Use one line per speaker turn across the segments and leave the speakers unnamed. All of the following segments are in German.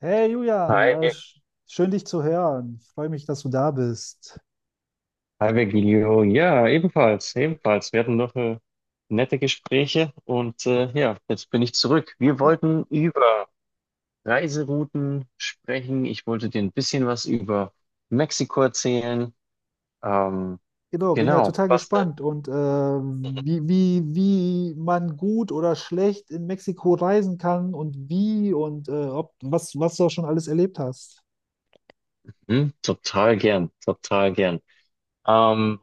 Hey Julian,
Hi, Vir-
schön dich zu hören. Freue mich, dass du da bist.
Hi Virgilio. Ja, ebenfalls. Wir hatten noch nette Gespräche und ja, jetzt bin ich zurück. Wir
I-
wollten über Reiserouten sprechen. Ich wollte dir ein bisschen was über Mexiko erzählen. Ähm,
Genau, bin ja
genau.
total
Was denn?
gespannt und wie man gut oder schlecht in Mexiko reisen kann und wie und was du schon alles erlebt hast.
Total total gern. Ähm,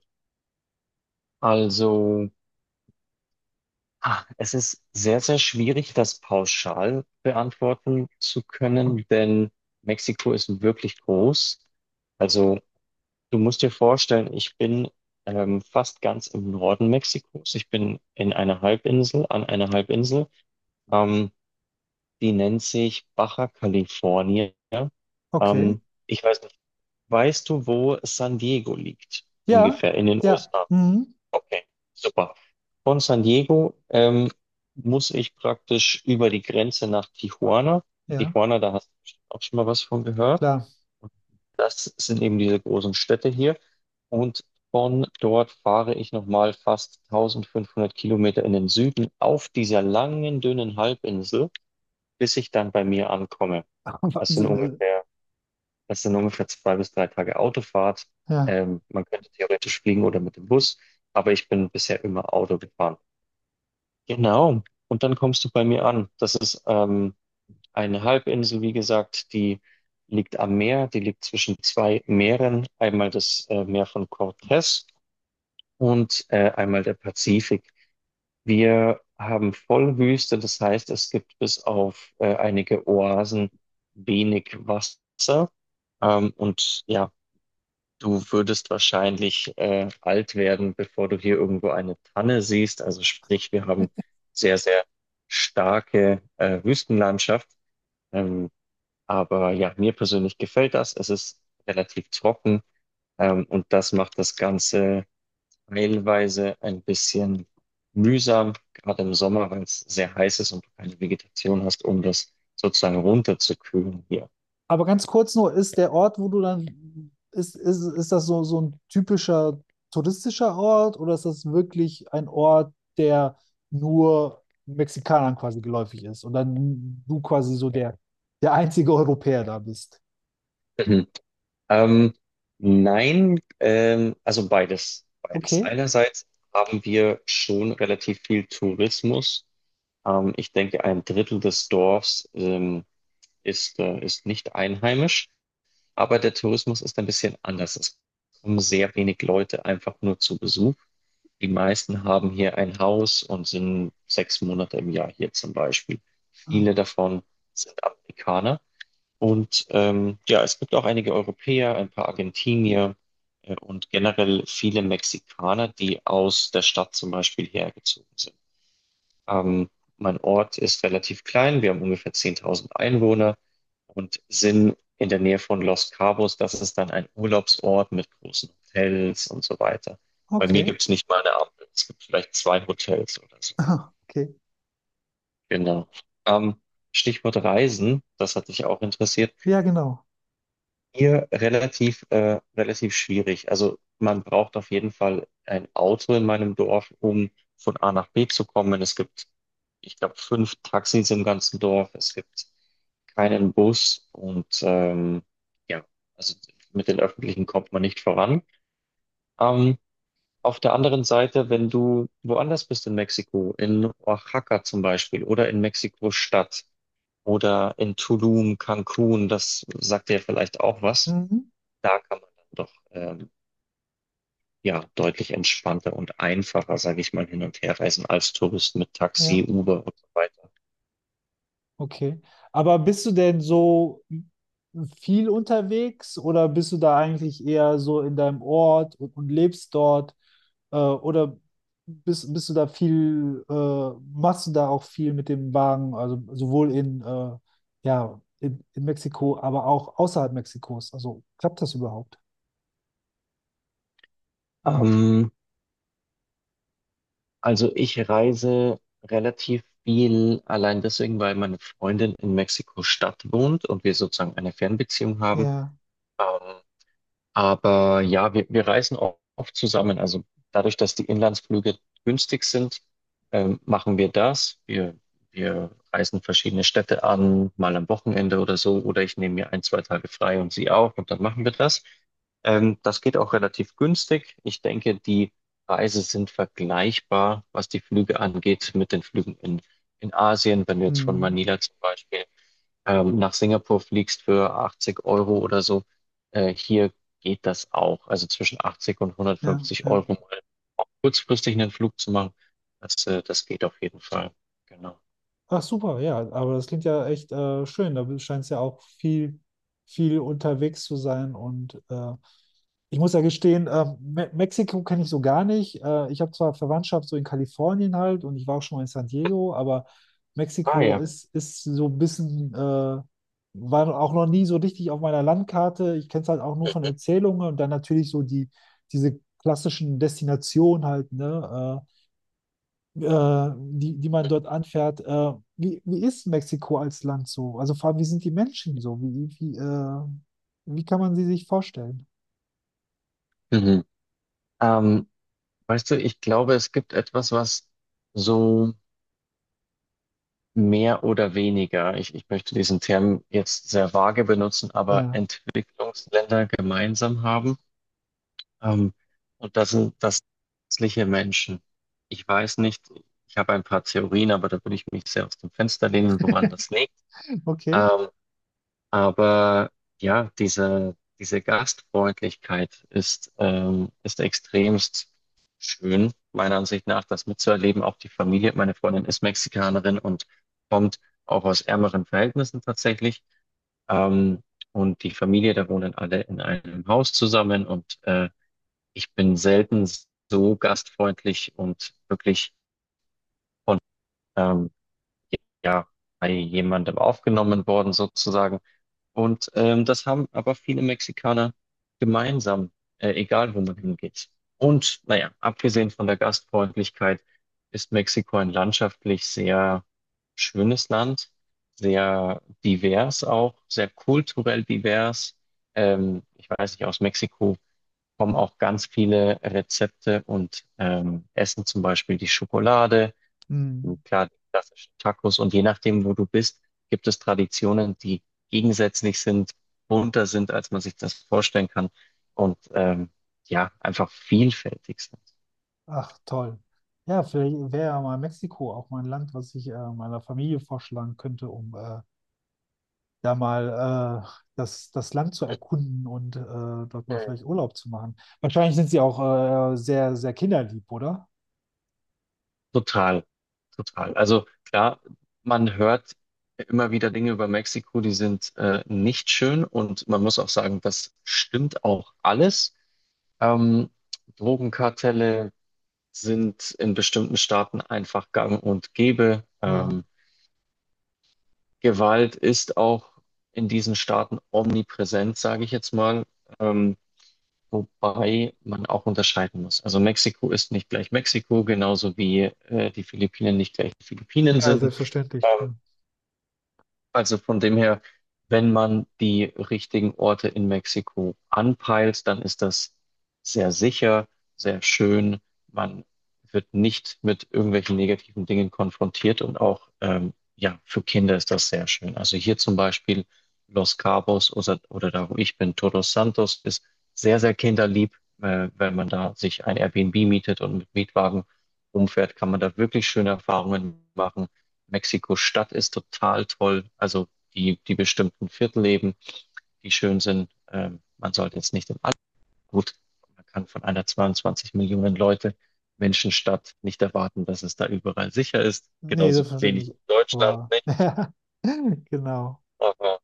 also, Es ist sehr schwierig, das pauschal beantworten zu können, denn Mexiko ist wirklich groß. Also du musst dir vorstellen, ich bin fast ganz im Norden Mexikos. Ich bin in einer Halbinsel, An einer Halbinsel. Ähm, Die nennt sich Baja California.
Okay.
Ich weiß nicht, weißt du, wo San Diego liegt?
Ja,
Ungefähr in den
ja,
USA.
mhm.
Okay, super. Von San Diego muss ich praktisch über die Grenze nach Tijuana.
Ja,
Tijuana, da hast du bestimmt auch schon mal was von gehört.
klar.
Das sind eben diese großen Städte hier. Und von dort fahre ich nochmal fast 1500 Kilometer in den Süden auf dieser langen, dünnen Halbinsel, bis ich dann bei mir ankomme. Das sind
Wahnsinn,
ungefähr, das sind ungefähr zwei bis drei Tage Autofahrt.
ja.
Man könnte theoretisch fliegen oder mit dem Bus, aber ich bin bisher immer Auto gefahren. Genau. Und dann kommst du bei mir an. Das ist eine Halbinsel, wie gesagt, die liegt am Meer, die liegt zwischen zwei Meeren, einmal das Meer von Cortez und einmal der Pazifik. Wir haben Vollwüste, das heißt, es gibt bis auf einige Oasen wenig Wasser. Und ja, du würdest wahrscheinlich alt werden, bevor du hier irgendwo eine Tanne siehst. Also sprich, wir haben sehr starke Wüstenlandschaft. Ähm, aber ja, mir persönlich gefällt das. Es ist relativ trocken, und das macht das Ganze teilweise ein bisschen mühsam, gerade im Sommer, weil es sehr heiß ist und du keine Vegetation hast, um das sozusagen runterzukühlen hier.
Aber ganz kurz nur, ist der Ort, wo du dann, ist das so, so ein typischer touristischer Ort oder ist das wirklich ein Ort, der nur Mexikanern quasi geläufig ist und dann du quasi so der einzige Europäer da bist?
Mhm. Ähm, nein, also beides.
Okay.
Einerseits haben wir schon relativ viel Tourismus. Ich denke, ein Drittel des Dorfs, ist, ist nicht einheimisch. Aber der Tourismus ist ein bisschen anders. Es kommen sehr wenig Leute einfach nur zu Besuch. Die meisten haben hier ein Haus und sind 6 Monate im Jahr hier zum Beispiel.
Ah,
Viele davon sind Amerikaner. Und ja, es gibt auch einige Europäer, ein paar Argentinier und generell viele Mexikaner, die aus der Stadt zum Beispiel hergezogen sind. Ähm, Mein Ort ist relativ klein, wir haben ungefähr 10.000 Einwohner und sind in der Nähe von Los Cabos. Das ist dann ein Urlaubsort mit großen Hotels und so weiter. Bei mir
okay.
gibt es nicht mal eine Ampel, es gibt vielleicht zwei Hotels oder so.
Ah, okay.
Genau. Ähm, Stichwort Reisen, das hat dich auch interessiert.
Ja, genau.
Hier relativ schwierig. Also man braucht auf jeden Fall ein Auto in meinem Dorf, um von A nach B zu kommen. Ich glaube, fünf Taxis im ganzen Dorf. Es gibt keinen Bus und ja, also mit den Öffentlichen kommt man nicht voran. Ähm, auf der anderen Seite, wenn du woanders bist in Mexiko, in Oaxaca zum Beispiel oder in Mexiko-Stadt oder in Tulum, Cancun, das sagt dir vielleicht auch was.
Mhm.
Da kann man dann doch ja deutlich entspannter und einfacher, sage ich mal, hin und her reisen als Tourist mit
Ja.
Taxi, Uber und so weiter.
Okay. Aber bist du denn so viel unterwegs oder bist du da eigentlich eher so in deinem Ort und lebst dort? Oder bist du da viel, machst du da auch viel mit dem Wagen, also sowohl in, ja, in Mexiko, aber auch außerhalb Mexikos? Also klappt das überhaupt?
Ähm, also ich reise relativ viel allein deswegen, weil meine Freundin in Mexiko-Stadt wohnt und wir sozusagen eine Fernbeziehung haben.
Ja.
Ähm, Aber ja, wir reisen auch oft zusammen. Also dadurch, dass die Inlandsflüge günstig sind, machen wir das. Wir reisen verschiedene Städte an, mal am Wochenende oder so. Oder ich nehme mir ein, zwei Tage frei und sie auch und dann machen wir das. Das geht auch relativ günstig. Ich denke, die Preise sind vergleichbar, was die Flüge angeht, mit den Flügen in Asien. Wenn du jetzt von
Hm.
Manila zum Beispiel nach Singapur fliegst für 80€ oder so, hier geht das auch. Also zwischen 80 und
Ja,
150
ja.
Euro mal auch kurzfristig einen Flug zu machen, das geht auf jeden Fall. Genau.
Ach super, ja, aber das klingt ja echt schön. Da scheint es ja auch viel, viel unterwegs zu sein. Und ich muss ja gestehen, Me Mexiko kenne ich so gar nicht. Ich habe zwar Verwandtschaft so in Kalifornien halt und ich war auch schon mal in San Diego, aber
Ah
Mexiko
ja.
ist so ein bisschen, war auch noch nie so richtig auf meiner Landkarte. Ich kenne es halt auch nur von Erzählungen und dann natürlich so die, diese klassischen Destinationen halt, ne? Die man dort anfährt. Wie ist Mexiko als Land so? Also vor allem, wie sind die Menschen so? Wie kann man sie sich vorstellen?
Mhm. Ähm, Weißt du, ich glaube, es gibt etwas, was so mehr oder weniger, ich möchte diesen Term jetzt sehr vage benutzen, aber
Ja,
Entwicklungsländer gemeinsam haben. Ähm, und das sind das nützliche Menschen. Ich weiß nicht, ich habe ein paar Theorien, aber da würde ich mich sehr aus dem Fenster lehnen, woran das liegt.
okay.
Ähm, aber ja, diese Gastfreundlichkeit ist extremst schön, meiner Ansicht nach, das mitzuerleben. Auch die Familie, meine Freundin ist Mexikanerin und kommt auch aus ärmeren Verhältnissen tatsächlich. Ähm, und die Familie, da wohnen alle in einem Haus zusammen und ich bin selten so gastfreundlich und wirklich von ähm, ja, bei jemandem aufgenommen worden sozusagen. Und das haben aber viele Mexikaner gemeinsam, egal wo man hingeht. Und naja, abgesehen von der Gastfreundlichkeit ist Mexiko ein landschaftlich sehr schönes Land, sehr divers auch, sehr kulturell divers. Ich weiß nicht, aus Mexiko kommen auch ganz viele Rezepte und Essen, zum Beispiel die Schokolade,
Hm.
und klar, die klassischen Tacos und je nachdem, wo du bist, gibt es Traditionen, die gegensätzlich sind, bunter sind, als man sich das vorstellen kann und ja, einfach vielfältig sind.
Ach, toll. Ja, vielleicht wäre ja mal Mexiko auch mal ein Land, was ich meiner Familie vorschlagen könnte, um da mal das Land zu erkunden und dort mal
Mhm.
vielleicht Urlaub zu machen. Wahrscheinlich sind sie auch sehr, sehr kinderlieb, oder?
Total, total. Also klar, man hört immer wieder Dinge über Mexiko, die sind nicht schön und man muss auch sagen, das stimmt auch alles. Ähm, Drogenkartelle sind in bestimmten Staaten einfach gang und gäbe.
Ja,
Gewalt ist auch in diesen Staaten omnipräsent, sage ich jetzt mal, ähm, wobei man auch unterscheiden muss. Also Mexiko ist nicht gleich Mexiko, genauso wie die Philippinen nicht gleich die Philippinen
ja,
sind.
selbstverständlich, klar.
Also von dem her, wenn man die richtigen Orte in Mexiko anpeilt, dann ist das sehr sicher, sehr schön. Man wird nicht mit irgendwelchen negativen Dingen konfrontiert und auch ja, für Kinder ist das sehr schön. Also hier zum Beispiel Los Cabos oder da, wo ich bin, Todos Santos ist sehr kinderlieb. Wenn man da sich ein Airbnb mietet und mit Mietwagen rumfährt, kann man da wirklich schöne Erfahrungen machen. Mexiko-Stadt ist total toll. Also die bestimmten Viertel eben, die schön sind. Man sollte jetzt nicht im All gut. Man kann von einer 22 Millionen Leute Menschenstadt nicht erwarten, dass es da überall sicher ist.
Nee,
Genauso wenig
selbstverständlich.
in Deutschland
Aber
nicht.
genau.
Aber,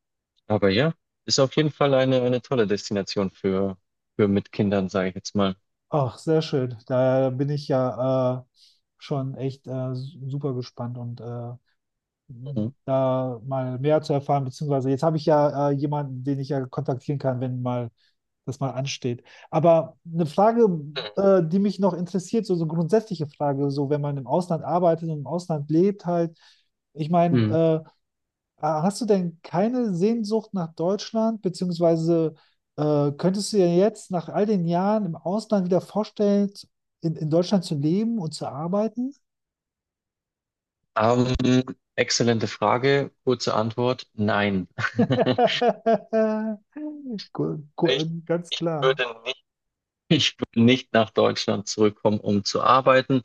aber ja, ist auf jeden Fall eine tolle Destination für mit Kindern, sage ich jetzt mal.
Ach, sehr schön. Da bin ich ja schon echt super gespannt und
Mhm.
da mal mehr zu erfahren, beziehungsweise jetzt habe ich ja jemanden, den ich ja kontaktieren kann, wenn mal das mal ansteht. Aber eine Frage, die mich noch interessiert, so, so grundsätzliche Frage, so wenn man im Ausland arbeitet und im Ausland lebt halt, ich
Mhm.
meine, hast du denn keine Sehnsucht nach Deutschland, beziehungsweise könntest du dir jetzt nach all den Jahren im Ausland wieder vorstellen, in Deutschland zu leben und zu arbeiten?
Ähm, Exzellente Frage, kurze Antwort, nein. Ich,
Ganz
Ich
klar.
würde nicht Ich will nicht nach Deutschland zurückkommen, um zu arbeiten.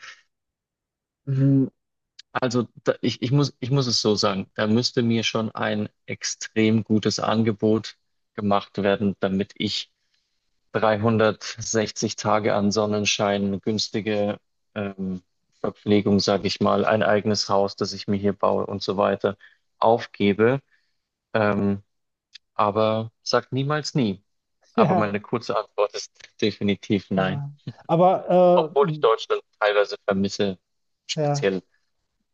Hm, Also da, ich muss es so sagen, da müsste mir schon ein extrem gutes Angebot gemacht werden, damit ich 360 Tage an Sonnenschein, günstige ähm, Verpflegung, sage ich mal, ein eigenes Haus, das ich mir hier baue und so weiter, aufgebe. Ähm, aber sagt niemals nie. Aber
Ja.
meine kurze Antwort ist definitiv nein.
Ja. Aber
Obwohl ich
hm,
Deutschland teilweise vermisse,
ja,
speziell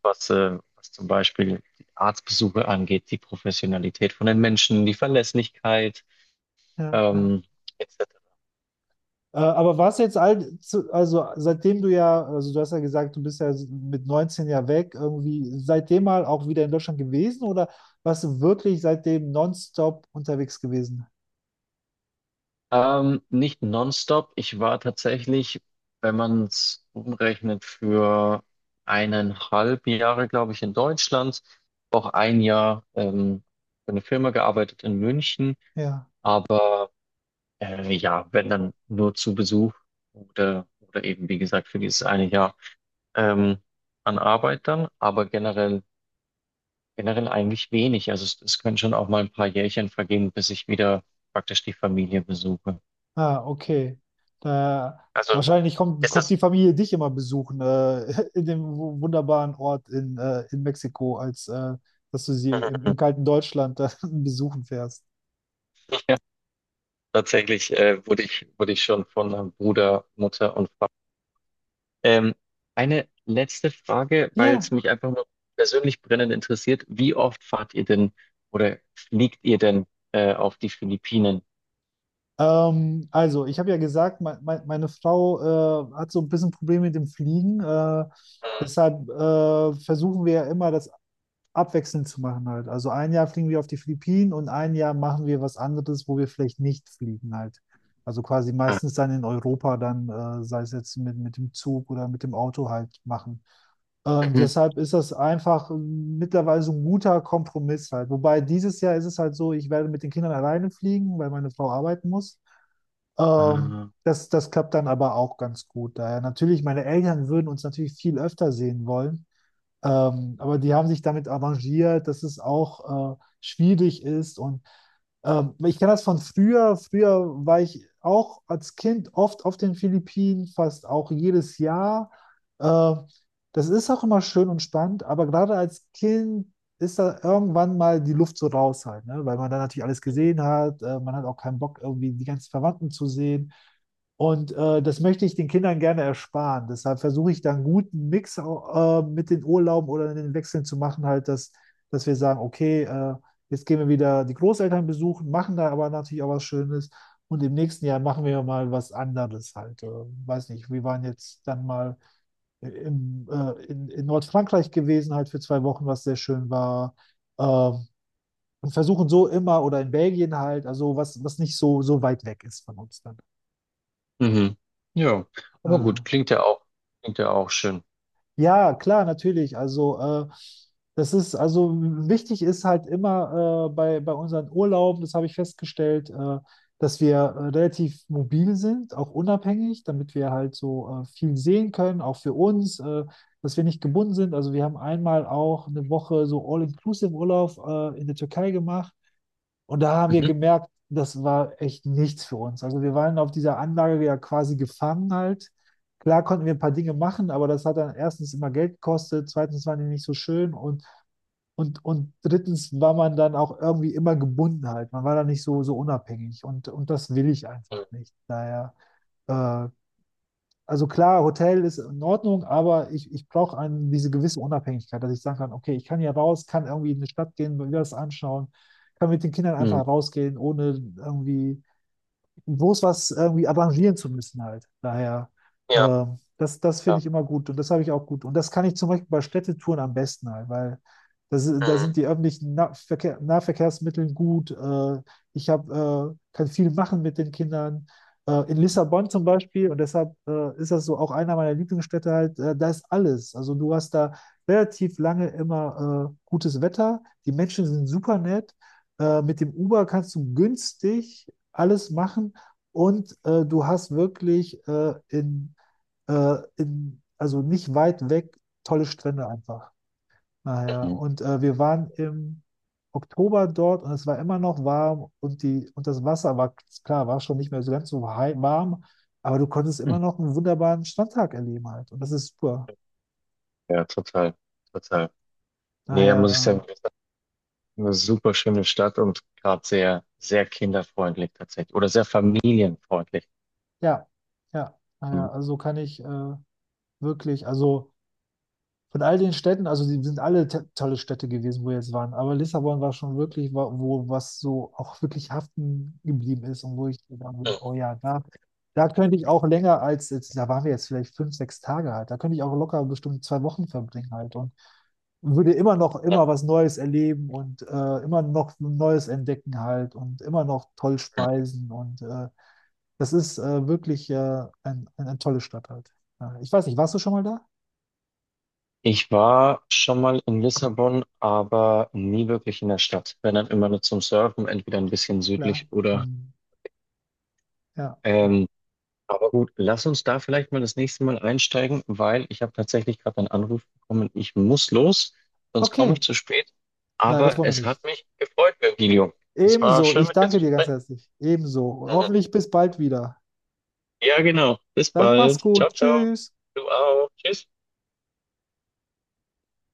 was zum Beispiel die Arztbesuche angeht, die Professionalität von den Menschen, die Verlässlichkeit,
ja, ja.
ähm, etc.
Aber warst du jetzt also seitdem du ja, also du hast ja gesagt, du bist ja mit 19 ja weg, irgendwie seitdem mal auch wieder in Deutschland gewesen oder warst du wirklich seitdem nonstop unterwegs gewesen?
Nicht nonstop. Wenn man es umrechnet, für 1,5 Jahre, glaube ich, in Deutschland, auch ein Jahr für eine Firma gearbeitet in München,
Ja.
aber ja, wenn dann nur zu Besuch oder eben, wie gesagt, für dieses eine Jahr. ähm, An Arbeit generell eigentlich wenig. Also es können schon auch mal ein paar Jährchen vergehen, bis ich wieder praktisch die Familie besuche.
Ah, okay. Da,
Also
wahrscheinlich
ist
kommt die
das
Familie dich immer besuchen, in dem wunderbaren Ort in Mexiko, als dass du sie im kalten Deutschland besuchen fährst.
ja, tatsächlich wurde ich schon von Bruder, Mutter und Vater. Ähm, eine letzte Frage, weil es
Ja.
mich einfach nur persönlich brennend interessiert. Wie oft fahrt ihr denn oder fliegt ihr denn auf die Philippinen?
Also, ich habe ja gesagt, me me meine Frau hat so ein bisschen Probleme mit dem Fliegen.
Mhm.
Deshalb versuchen wir ja immer, das abwechselnd zu machen halt. Also ein Jahr fliegen wir auf die Philippinen und ein Jahr machen wir was anderes, wo wir vielleicht nicht fliegen halt. Also quasi
Ah,
meistens dann in Europa dann, sei es jetzt mit dem Zug oder mit dem Auto halt machen.
mhm.
Deshalb ist das einfach mittlerweile so ein guter Kompromiss halt. Wobei dieses Jahr ist es halt so, ich werde mit den Kindern alleine fliegen, weil meine Frau arbeiten muss. Ähm,
Ah,
das, das klappt dann aber auch ganz gut. Daher natürlich, meine Eltern würden uns natürlich viel öfter sehen wollen, aber die haben sich damit arrangiert, dass es auch schwierig ist. Und ich kenne das von früher. Früher war ich auch als Kind oft auf den Philippinen, fast auch jedes Jahr. Äh, Das ist auch immer schön und spannend, aber gerade als Kind ist da irgendwann mal die Luft so raus halt, ne? Weil man dann natürlich alles gesehen hat. Man hat auch keinen Bock, irgendwie die ganzen Verwandten zu sehen. Und das möchte ich den Kindern gerne ersparen. Deshalb versuche ich dann einen guten Mix mit den Urlauben oder den Wechseln zu machen, halt, dass wir sagen, okay, jetzt gehen wir wieder die Großeltern besuchen, machen da aber natürlich auch was Schönes. Und im nächsten Jahr machen wir mal was anderes halt. Weiß nicht, wir waren jetzt dann mal in Nordfrankreich gewesen, halt für 2 Wochen, was sehr schön war. Und versuchen so immer, oder in Belgien halt, also was nicht so, so weit weg ist von uns dann.
mhm. Ja, aber
Äh,
gut, klingt ja auch schön.
Ja, klar, natürlich. Also, das ist, also wichtig ist halt immer bei unseren Urlauben, das habe ich festgestellt, dass wir relativ mobil sind, auch unabhängig, damit wir halt so viel sehen können, auch für uns, dass wir nicht gebunden sind. Also, wir haben einmal auch eine Woche so All-Inclusive-Urlaub in der Türkei gemacht. Und da haben wir
Mhm.
gemerkt, das war echt nichts für uns. Also wir waren auf dieser Anlage ja quasi gefangen halt. Klar konnten wir ein paar Dinge machen, aber das hat dann erstens immer Geld gekostet, zweitens waren die nicht so schön und, drittens war man dann auch irgendwie immer gebunden halt. Man war da nicht so, so unabhängig und das will ich einfach nicht. Daher äh, also klar, Hotel ist in Ordnung, aber ich brauche eine, diese gewisse Unabhängigkeit, dass ich sagen kann, okay, ich kann hier raus, kann irgendwie in eine Stadt gehen, mir das anschauen, kann mit den Kindern
Mhm.
einfach rausgehen, ohne irgendwie bloß was irgendwie arrangieren zu müssen halt. Daher,
Ja,
das finde
ja.
ich immer gut und das habe ich auch gut. Und das kann ich zum Beispiel bei Städtetouren am besten halt, weil da sind
Mhm.
die öffentlichen Nahverkehrsmittel gut. Ich kann viel machen mit den Kindern. In Lissabon zum Beispiel, und deshalb ist das so auch einer meiner Lieblingsstädte halt, da ist alles. Also du hast da relativ lange immer gutes Wetter, die Menschen sind super nett. Mit dem Uber kannst du günstig alles machen. Und du hast wirklich in, also nicht weit weg, tolle Strände einfach. Naja,
Mhm.
und wir waren im Oktober dort und es war immer noch warm und das Wasser war, klar, war schon nicht mehr so ganz so warm, aber du konntest
Mhm.
immer noch einen wunderbaren Strandtag erleben halt. Und das ist super.
Ja, total, total. Nee, muss ich sagen,
Daher,
das ist eine super schöne Stadt und gerade sehr kinderfreundlich tatsächlich oder sehr familienfreundlich.
ja, ja,
Mhm.
naja, also kann ich wirklich, also. Von all den Städten, also die sind alle tolle Städte gewesen, wo wir jetzt waren, aber Lissabon war schon wirklich, wo was so auch wirklich haften geblieben ist und wo ich gedacht habe, oh
Mhm.
ja, da könnte ich auch länger als, jetzt, da waren wir jetzt vielleicht fünf, sechs Tage halt, da könnte ich auch locker bestimmt 2 Wochen verbringen halt und würde immer noch
Ja.
immer was Neues erleben und immer noch Neues entdecken halt und immer noch toll speisen und das ist wirklich eine tolle Stadt halt. Ja, ich weiß nicht, warst du schon mal da?
Ich war schon mal in Lissabon, aber nie wirklich in der Stadt. Wenn dann immer nur zum Surfen, entweder ein bisschen
Klar.
südlich oder
Hm. Ja, ja.
ähm, aber gut, lass uns da vielleicht mal das nächste Mal einsteigen, weil ich habe tatsächlich gerade einen Anruf bekommen. Ich muss los, sonst komme ich
Okay,
zu spät.
nein, das
Aber
wollen wir
es
nicht.
hat mich gefreut, Virgilio. Es war
Ebenso,
schön,
ich
mit dir zu
danke dir ganz
sprechen.
herzlich. Ebenso. Hoffentlich bis bald wieder.
Ja, genau. Bis
Dann mach's
bald. Ciao,
gut.
ciao.
Tschüss.
Du auch. Tschüss.